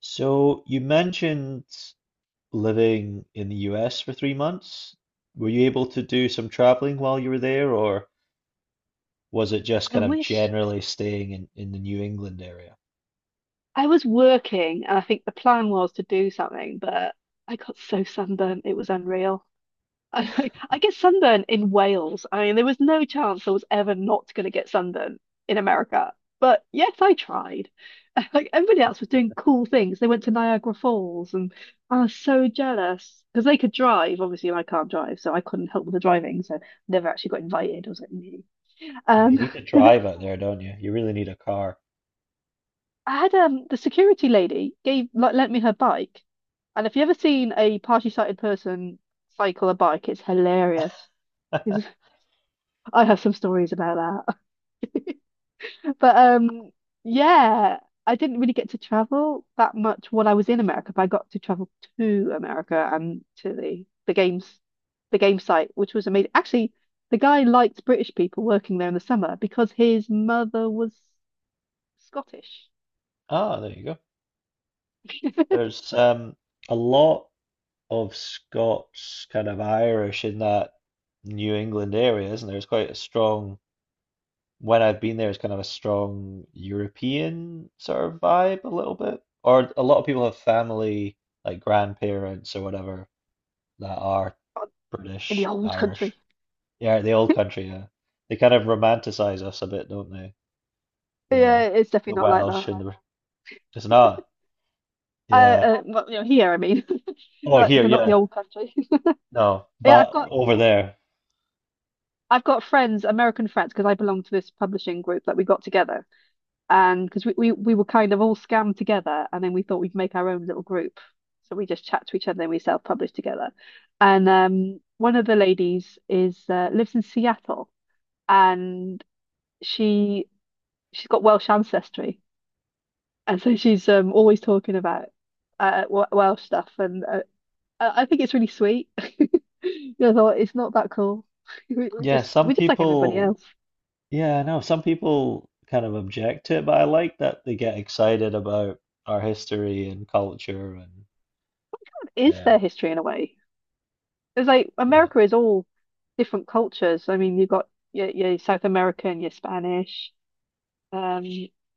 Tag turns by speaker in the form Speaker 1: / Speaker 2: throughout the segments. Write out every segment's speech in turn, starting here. Speaker 1: So you mentioned living in the US for 3 months. Were you able to do some traveling while you were there, or was it just
Speaker 2: I
Speaker 1: kind of
Speaker 2: wish
Speaker 1: generally staying in the New England area?
Speaker 2: I was working, and I think the plan was to do something, but I got so sunburnt, it was unreal. I, I get sunburnt in Wales. I mean, there was no chance I was ever not going to get sunburnt in America. But yes, I tried. Like everybody else was doing cool things. They went to Niagara Falls, and I was so jealous because they could drive, obviously, and I can't drive, so I couldn't help with the driving. So never actually got invited. I was like, me.
Speaker 1: Yeah, you
Speaker 2: Um,
Speaker 1: need to drive out there, don't you? You really need a car.
Speaker 2: I had the security lady gave like lent me her bike, and if you ever seen a partially sighted person cycle a bike, it's hilarious. 'Cause I have some stories about that, but yeah, I didn't really get to travel that much when I was in America, but I got to travel to America and to the game site, which was amazing. Actually, the guy liked British people working there in the summer because his mother was Scottish
Speaker 1: Ah, there you go. There's a lot of Scots, kind of Irish in that New England area, isn't there? It's quite a strong when I've been there, it's kind of a strong European sort of vibe a little bit. Or a lot of people have family, like grandparents or whatever, that are
Speaker 2: in the
Speaker 1: British,
Speaker 2: old
Speaker 1: Irish.
Speaker 2: country.
Speaker 1: Yeah, the old country, yeah. They kind of romanticize us a bit, don't they?
Speaker 2: Yeah,
Speaker 1: The
Speaker 2: it's definitely
Speaker 1: the
Speaker 2: not like
Speaker 1: Welsh
Speaker 2: that.
Speaker 1: and the it's not.
Speaker 2: Uh,
Speaker 1: Yeah.
Speaker 2: well, here I mean,
Speaker 1: Oh,
Speaker 2: we're like
Speaker 1: here,
Speaker 2: we're not the
Speaker 1: yeah.
Speaker 2: old country.
Speaker 1: No,
Speaker 2: Yeah,
Speaker 1: but over there.
Speaker 2: I've got friends, American friends, because I belong to this publishing group that we got together, and because we were kind of all scammed together, and then we thought we'd make our own little group, so we just chat to each other and we self-publish together. And one of the ladies is lives in Seattle, and she she's got Welsh ancestry, and so she's always talking about Welsh stuff and. I think it's really sweet. You know, though, it's not that cool. We- We're
Speaker 1: Yeah,
Speaker 2: just
Speaker 1: some
Speaker 2: we're just like everybody
Speaker 1: people,
Speaker 2: else.
Speaker 1: yeah, I know some people kind of object to it, but I like that they get excited about our history and culture and
Speaker 2: What is
Speaker 1: um
Speaker 2: their history in a way? It's like
Speaker 1: yeah.
Speaker 2: America is all different cultures. I mean, you've got your South American, your Spanish, um,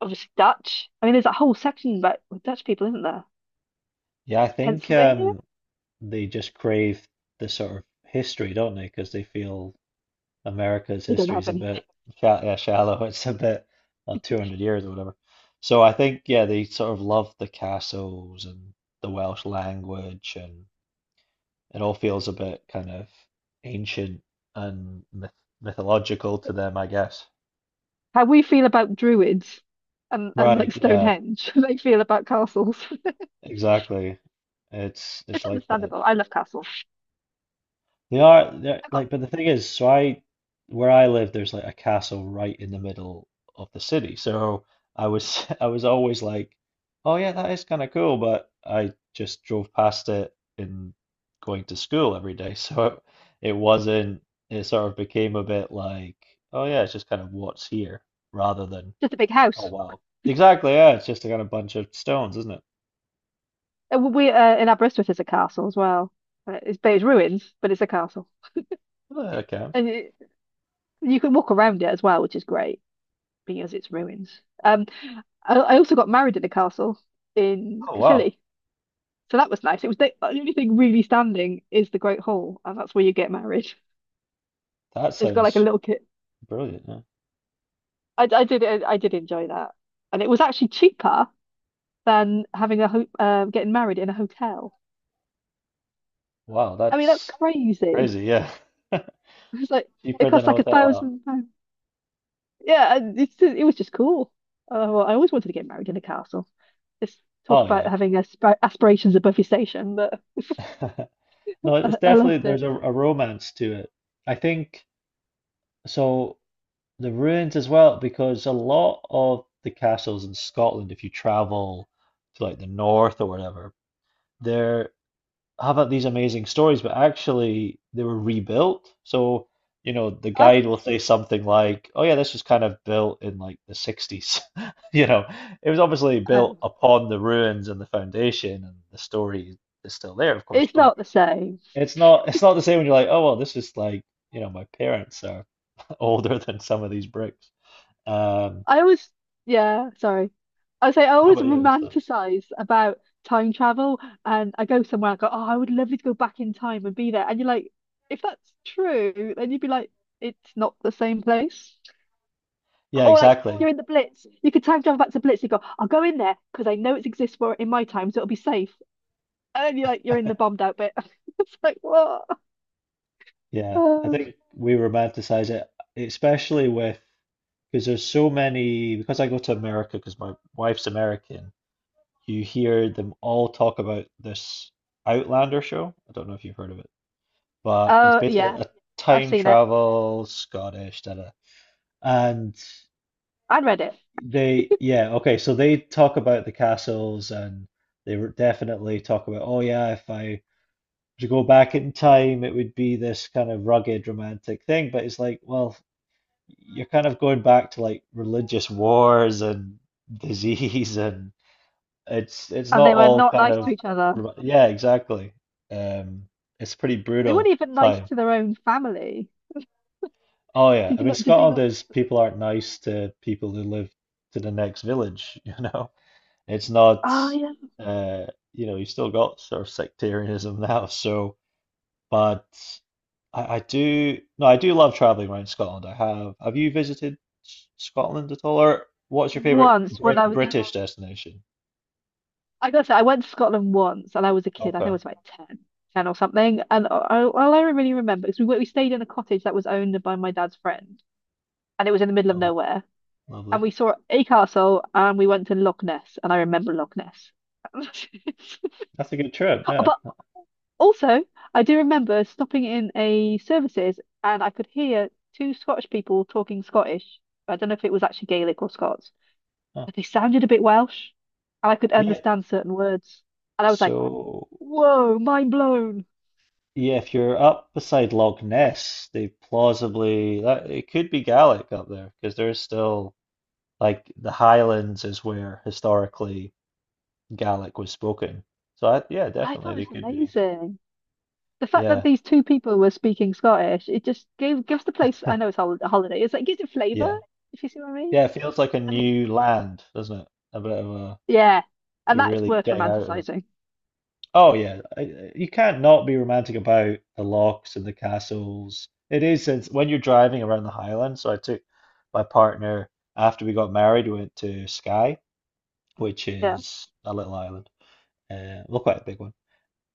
Speaker 2: obviously Dutch. I mean, there's a whole section about with Dutch people, isn't there?
Speaker 1: Yeah, I think
Speaker 2: Pennsylvania?
Speaker 1: they just crave the sort of history, don't they? Because they feel America's
Speaker 2: They don't
Speaker 1: history
Speaker 2: have
Speaker 1: is a
Speaker 2: any.
Speaker 1: bit sha yeah, shallow. It's a bit 200 years or whatever. So I think yeah, they sort of love the castles and the Welsh language, and it all feels a bit kind of ancient and mythological to them, I guess.
Speaker 2: How we feel about druids and
Speaker 1: Right,
Speaker 2: like
Speaker 1: yeah,
Speaker 2: Stonehenge, they feel about castles.
Speaker 1: exactly. It's
Speaker 2: It's
Speaker 1: like that.
Speaker 2: understandable. I love castles.
Speaker 1: They are they're
Speaker 2: I've got
Speaker 1: like, but the thing is, so I, where I live there's like a castle right in the middle of the city. So I was, I was always like, oh yeah, that is kinda cool, but I just drove past it in going to school every day. So it wasn't, it sort of became a bit like, oh yeah, it's just kind of what's here rather than
Speaker 2: just a big
Speaker 1: oh
Speaker 2: house.
Speaker 1: wow. Exactly, yeah, it's just a kind of bunch of stones, isn't it?
Speaker 2: We In Aberystwyth there's a castle as well. It's but it's ruins, but it's a castle,
Speaker 1: Oh, that counts.
Speaker 2: and you can walk around it as well, which is great because it's ruins. I also got married in a castle in
Speaker 1: Oh wow.
Speaker 2: Caerphilly, so that was nice. It was the only thing really standing is the Great Hall, and that's where you get married.
Speaker 1: That
Speaker 2: It's got like a
Speaker 1: sounds
Speaker 2: little kit.
Speaker 1: brilliant, yeah.
Speaker 2: I did enjoy that, and it was actually cheaper than having a ho getting married in a hotel.
Speaker 1: Wow,
Speaker 2: I mean that's
Speaker 1: that's
Speaker 2: crazy.
Speaker 1: crazy, yeah.
Speaker 2: It's like it
Speaker 1: Cheaper than
Speaker 2: costs
Speaker 1: a
Speaker 2: like a
Speaker 1: hotel. Wow.
Speaker 2: thousand pounds. Yeah, and it's just, it was just cool. Well, I always wanted to get married in a castle. Just talk
Speaker 1: Oh
Speaker 2: about
Speaker 1: oh,
Speaker 2: having aspirations above your station, but
Speaker 1: yeah. No, it's
Speaker 2: I
Speaker 1: definitely
Speaker 2: loved
Speaker 1: there's
Speaker 2: it.
Speaker 1: a romance to it. I think so, the ruins as well, because a lot of the castles in Scotland, if you travel to like the north or whatever, they're have these amazing stories, but actually they were rebuilt. So, you know, the
Speaker 2: Oh,
Speaker 1: guide will say something like, "Oh yeah, this was kind of built in like the 60s." You know, it was obviously built
Speaker 2: oh,
Speaker 1: upon the ruins and the foundation, and the story is still there, of course,
Speaker 2: it's
Speaker 1: but
Speaker 2: not the same.
Speaker 1: it's not, it's not the same when you're like, "Oh well, this is like, you know, my parents are older than some of these bricks." Um,
Speaker 2: I always, yeah, sorry. I say I
Speaker 1: how
Speaker 2: always
Speaker 1: about you, Alistair?
Speaker 2: romanticize about time travel, and I go somewhere. I go, oh, I would love to go back in time and be there. And you're like, if that's true, then you'd be like, it's not the same place.
Speaker 1: Yeah,
Speaker 2: Or like
Speaker 1: exactly.
Speaker 2: you're in the Blitz, you could time travel back to Blitz. You go, I'll go in there because I know it exists for in my time, so it'll be safe. And then you're like, you're in the bombed out bit. It's like what?
Speaker 1: Yeah, I
Speaker 2: Oh,
Speaker 1: think we romanticize it, especially with, because there's so many, because I go to America because my wife's American, you hear them all talk about this Outlander show. I don't know if you've heard of it, but it's
Speaker 2: oh,
Speaker 1: basically
Speaker 2: yeah,
Speaker 1: a
Speaker 2: I've
Speaker 1: time
Speaker 2: seen it.
Speaker 1: travel Scottish, da da. And
Speaker 2: I read it,
Speaker 1: they, yeah, okay, so they talk about the castles, and they were definitely talk about, oh yeah, if I were to go back in time, it would be this kind of rugged romantic thing. But it's like, well, you're kind of going back to like religious wars and disease and it's
Speaker 2: and
Speaker 1: not
Speaker 2: they were
Speaker 1: all
Speaker 2: not
Speaker 1: kind
Speaker 2: nice to
Speaker 1: of
Speaker 2: each other.
Speaker 1: yeah, exactly. Um, it's pretty
Speaker 2: They weren't
Speaker 1: brutal
Speaker 2: even nice
Speaker 1: time.
Speaker 2: to their own family.
Speaker 1: Oh yeah, I
Speaker 2: Did you
Speaker 1: mean,
Speaker 2: not? Did they
Speaker 1: Scotland
Speaker 2: not?
Speaker 1: is, people aren't nice to people who live to the next village, you know. It's not
Speaker 2: Oh yeah.
Speaker 1: uh you know, you still got sort of sectarianism now, so but I do, no, I do love traveling around Scotland. I have. Have you visited Scotland at all, or what's your favorite
Speaker 2: Once when I was,
Speaker 1: British destination?
Speaker 2: I gotta say, I went to Scotland once, and I was a kid. I think I
Speaker 1: Okay,
Speaker 2: was like 10, 10 or something. And all I really remember is we stayed in a cottage that was owned by my dad's friend, and it was in the middle of
Speaker 1: Lo-
Speaker 2: nowhere. And
Speaker 1: lovely.
Speaker 2: we saw a castle and we went to Loch Ness and I remember Loch Ness.
Speaker 1: That's a good trip. Yeah,
Speaker 2: But also, I do remember stopping in a services and I could hear two Scottish people talking Scottish. I don't know if it was actually Gaelic or Scots,
Speaker 1: huh,
Speaker 2: but they sounded a bit Welsh and I could
Speaker 1: yeah.
Speaker 2: understand certain words. And I was like,
Speaker 1: So
Speaker 2: whoa, mind blown.
Speaker 1: yeah, if you're up beside Loch Ness, they plausibly that it could be Gaelic up there because there's still like the Highlands is where historically Gaelic was spoken. So I, yeah,
Speaker 2: I thought
Speaker 1: definitely they
Speaker 2: it was
Speaker 1: could be.
Speaker 2: amazing. The fact that
Speaker 1: Yeah,
Speaker 2: these two people were speaking Scottish, it just gave gives the place, I know it's a holiday, it's like gives it
Speaker 1: yeah.
Speaker 2: flavour, if you see what I mean.
Speaker 1: Yeah, it feels like a
Speaker 2: I think
Speaker 1: new land, doesn't it? A bit of a,
Speaker 2: yeah, and
Speaker 1: you're
Speaker 2: that's
Speaker 1: really
Speaker 2: worth
Speaker 1: getting out of them.
Speaker 2: romanticizing.
Speaker 1: Oh yeah, I- you can't not be romantic about the locks and the castles. It is, since when you're driving around the Highlands. So I took my partner after we got married. We went to Skye, which
Speaker 2: Yeah,
Speaker 1: is a little island, well, quite a big one.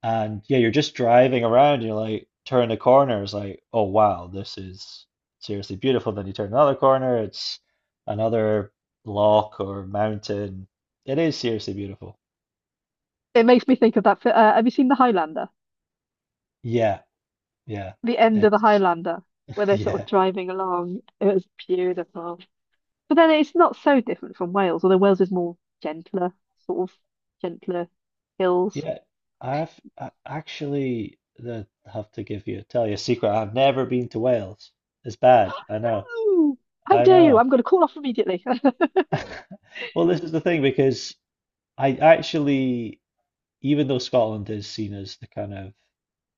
Speaker 1: And yeah, you're just driving around, you're like, turn the corner, it's like, oh wow, this is seriously beautiful. Then you turn another corner, it's another lock or mountain. It is seriously beautiful.
Speaker 2: it makes me think of that. Have you seen The Highlander?
Speaker 1: Yeah, yeah.
Speaker 2: The end of The
Speaker 1: It's
Speaker 2: Highlander, where they're sort of
Speaker 1: yeah.
Speaker 2: driving along. It was beautiful. But then it's not so different from Wales, although Wales is more gentler, sort of gentler hills.
Speaker 1: Yeah. I actually the have to give you tell you a secret. I've never been to Wales. It's bad. I know.
Speaker 2: Oh, how
Speaker 1: I
Speaker 2: dare you!
Speaker 1: know.
Speaker 2: I'm going to call off immediately. I
Speaker 1: Well, this is the thing because I actually even though Scotland is seen as the kind of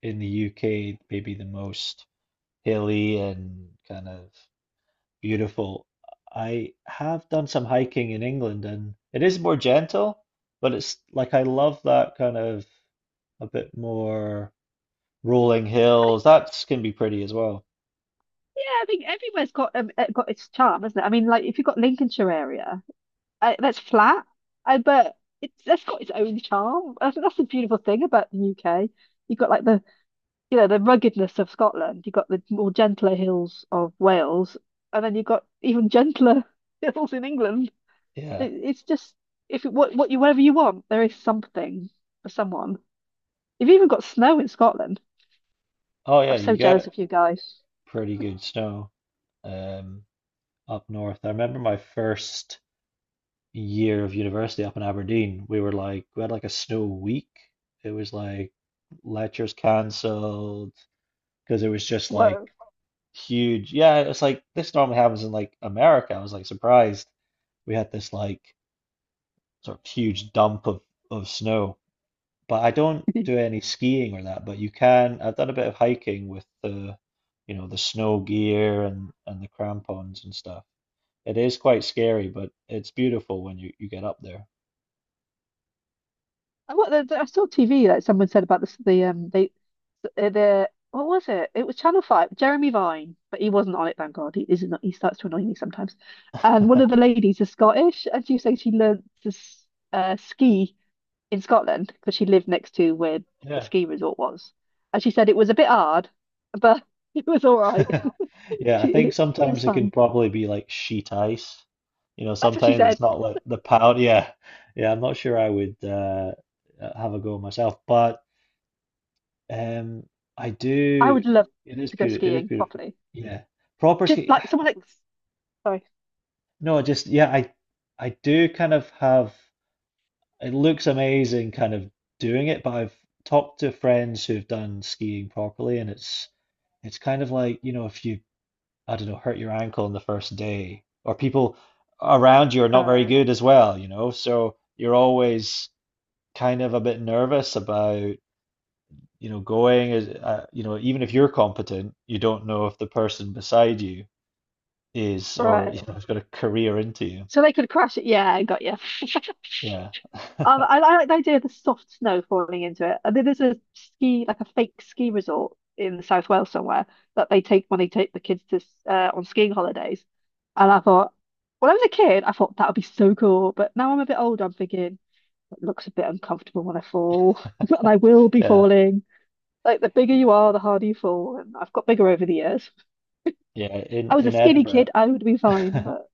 Speaker 1: in the UK maybe the most hilly and kind of beautiful, I have done some hiking in England and it is more gentle, but it's like I love that kind of a bit more rolling
Speaker 2: think,
Speaker 1: hills. That can be pretty as well.
Speaker 2: yeah, I think everywhere's got its charm, hasn't it? I mean, like if you've got Lincolnshire area. I, that's flat. I but it's that's got its own charm. I think that's the beautiful thing about the UK. You've got like the you know the ruggedness of Scotland. You've got the more gentler hills of Wales, and then you've got even gentler hills in England.
Speaker 1: Yeah.
Speaker 2: It's just if it, what you whatever you want, there is something for someone. You've even got snow in Scotland.
Speaker 1: Oh yeah,
Speaker 2: I'm
Speaker 1: you
Speaker 2: so jealous
Speaker 1: get
Speaker 2: of you guys.
Speaker 1: pretty good snow um up north. I remember my first year of university up in Aberdeen, we were like we had like a snow week. It was like lectures cancelled because it was just like
Speaker 2: Whoa.
Speaker 1: huge. Yeah, it's like this normally happens in like America. I was like surprised we had this like sort of huge dump of snow. But I don't do any skiing or that. But you can. I've done a bit of hiking with the, you know, the snow gear, and the crampons and stuff. It is quite scary, but it's beautiful when you get up there.
Speaker 2: I- What I saw TV like someone said about this the they the what was it? It was Channel Five, Jeremy Vine, but he wasn't on it. Thank God, he is not. He starts to annoy me sometimes. And one of the ladies is Scottish, and she was saying she learned to ski in Scotland because she lived next to where the
Speaker 1: Yeah.
Speaker 2: ski resort was, and she said it was a bit hard, but it was all right.
Speaker 1: Yeah, I
Speaker 2: She
Speaker 1: think
Speaker 2: It, it was
Speaker 1: sometimes it can
Speaker 2: fun.
Speaker 1: probably be like sheet ice. You know,
Speaker 2: That's what she
Speaker 1: sometimes
Speaker 2: said.
Speaker 1: it's not like the pound. Yeah, yeah. I'm not sure I would have a go myself, but um, I
Speaker 2: I
Speaker 1: do.
Speaker 2: would love
Speaker 1: It is
Speaker 2: to go
Speaker 1: beautiful. It is
Speaker 2: skiing
Speaker 1: beautiful.
Speaker 2: properly,
Speaker 1: Yeah, proper ski.
Speaker 2: Like someone like sorry.
Speaker 1: No, just yeah. I do kind of have. It looks amazing, kind of doing it, but I've talked to friends who've done skiing properly, and it's kind of like, you know, if you, I don't know, hurt your ankle on the first day, or people around you are not very
Speaker 2: Oh,
Speaker 1: good as well, you know. So you're always kind of a bit nervous about, you know, going as, you know, even if you're competent, you don't know if the person beside you is or, you
Speaker 2: right.
Speaker 1: know, has got a career into you.
Speaker 2: So they could crash it. Yeah, I got you.
Speaker 1: Yeah.
Speaker 2: I like the idea of the soft snow falling into it. I think there's a ski, like a fake ski resort in South Wales somewhere that they take when they take the kids to on skiing holidays. And I thought, when I was a kid, I thought that would be so cool. But now I'm a bit older, I'm thinking it looks a bit uncomfortable when I fall, and I will be
Speaker 1: Yeah.
Speaker 2: falling. Like the bigger you are, the harder you fall. And I've got bigger over the years.
Speaker 1: Yeah.
Speaker 2: I was a
Speaker 1: In
Speaker 2: skinny
Speaker 1: Edinburgh,
Speaker 2: kid, I would be fine, but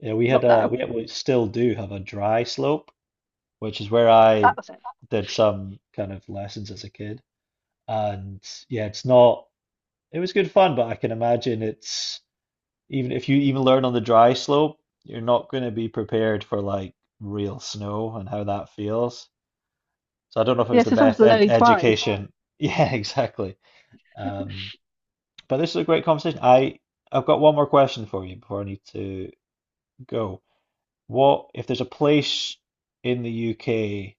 Speaker 1: yeah, we had
Speaker 2: not
Speaker 1: a
Speaker 2: now.
Speaker 1: we still do have a dry slope, which is where
Speaker 2: That
Speaker 1: I
Speaker 2: was it.
Speaker 1: did some kind of lessons as a kid. And yeah, it's not, it was good fun, but I can imagine it's, even if you even learn on the dry slope, you're not going to be prepared for like real snow and how that feels. So I don't know if it
Speaker 2: Yeah,
Speaker 1: was the
Speaker 2: so someone's
Speaker 1: best ed
Speaker 2: lonely twice.
Speaker 1: education. Yeah, exactly. Um, but this is a great conversation. I, I've got one more question for you before I need to go. What if there's a place in the UK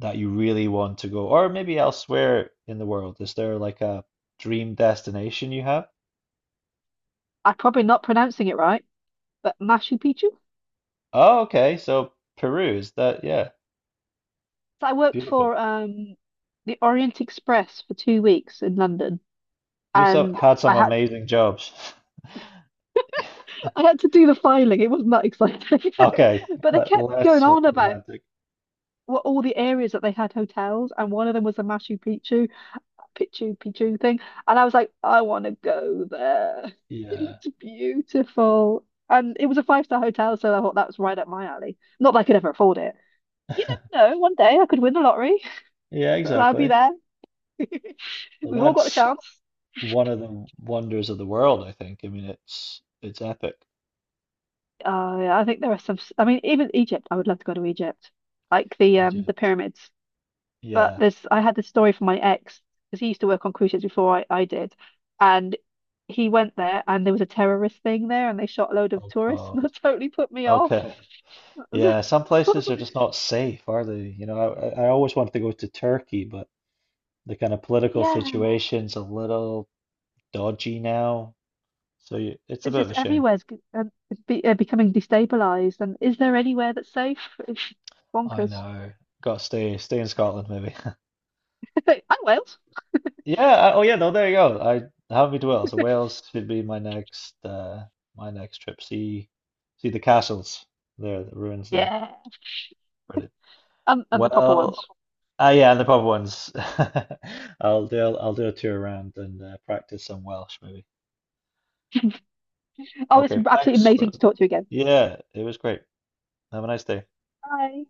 Speaker 1: that you really want to go, or maybe elsewhere in the world? Is there like a dream destination you have?
Speaker 2: I'm probably not pronouncing it right, but Machu Picchu.
Speaker 1: Oh, okay. So Peru is that, yeah.
Speaker 2: So I worked
Speaker 1: Beautiful.
Speaker 2: for the Orient Express for 2 weeks in London,
Speaker 1: You've so,
Speaker 2: and
Speaker 1: had some amazing jobs.
Speaker 2: I had to do the filing. It wasn't that exciting,
Speaker 1: Okay,
Speaker 2: but they
Speaker 1: but
Speaker 2: kept going
Speaker 1: less
Speaker 2: on about
Speaker 1: romantic.
Speaker 2: what all the areas that they had hotels, and one of them was the Machu Picchu, Picchu Picchu thing, and I was like, I want to go there. It
Speaker 1: Yeah.
Speaker 2: looked beautiful, and it was a five-star hotel, so I thought that was right up my alley. Not that I could ever afford it. You never know. One day I could win the lottery.
Speaker 1: Yeah,
Speaker 2: And I'll be
Speaker 1: exactly.
Speaker 2: there.
Speaker 1: Well,
Speaker 2: We've all got the
Speaker 1: that's
Speaker 2: chance.
Speaker 1: one of the wonders of the world, I think. I mean, it's epic.
Speaker 2: Yeah, I think there are some. I mean, even Egypt. I would love to go to Egypt, like
Speaker 1: You do.
Speaker 2: the pyramids. But
Speaker 1: Yeah.
Speaker 2: there's, I had this story from my ex because he used to work on cruise ships before I did, and he went there and there was a terrorist thing there and they shot a load of
Speaker 1: Oh
Speaker 2: tourists and
Speaker 1: God.
Speaker 2: that totally put me off.
Speaker 1: Okay.
Speaker 2: I was like-
Speaker 1: Yeah, some
Speaker 2: I was
Speaker 1: places are
Speaker 2: like,
Speaker 1: just not safe, are they? You know, I always wanted to go to Turkey, but the kind of political
Speaker 2: yeah,
Speaker 1: situation's a little dodgy now. So you, it's a
Speaker 2: it's
Speaker 1: bit of
Speaker 2: just
Speaker 1: a shame.
Speaker 2: everywhere's becoming destabilized. And is there anywhere that's safe? It's
Speaker 1: I
Speaker 2: bonkers.
Speaker 1: know. Got to stay in Scotland maybe.
Speaker 2: Oh, Wales.
Speaker 1: Yeah. I, oh yeah. No, there you go. I haven't been to Wales, so Wales should be my next trip. See see the castles there, the ruins there.
Speaker 2: Yeah.
Speaker 1: Brilliant.
Speaker 2: And the proper
Speaker 1: Well,
Speaker 2: ones.
Speaker 1: ah yeah, and the pub ones. I'll do a tour around and practice some Welsh maybe.
Speaker 2: Oh, it's
Speaker 1: Okay.
Speaker 2: absolutely
Speaker 1: Thanks for.
Speaker 2: amazing to talk to you again.
Speaker 1: Yeah, it was great. Have a nice day.
Speaker 2: Bye.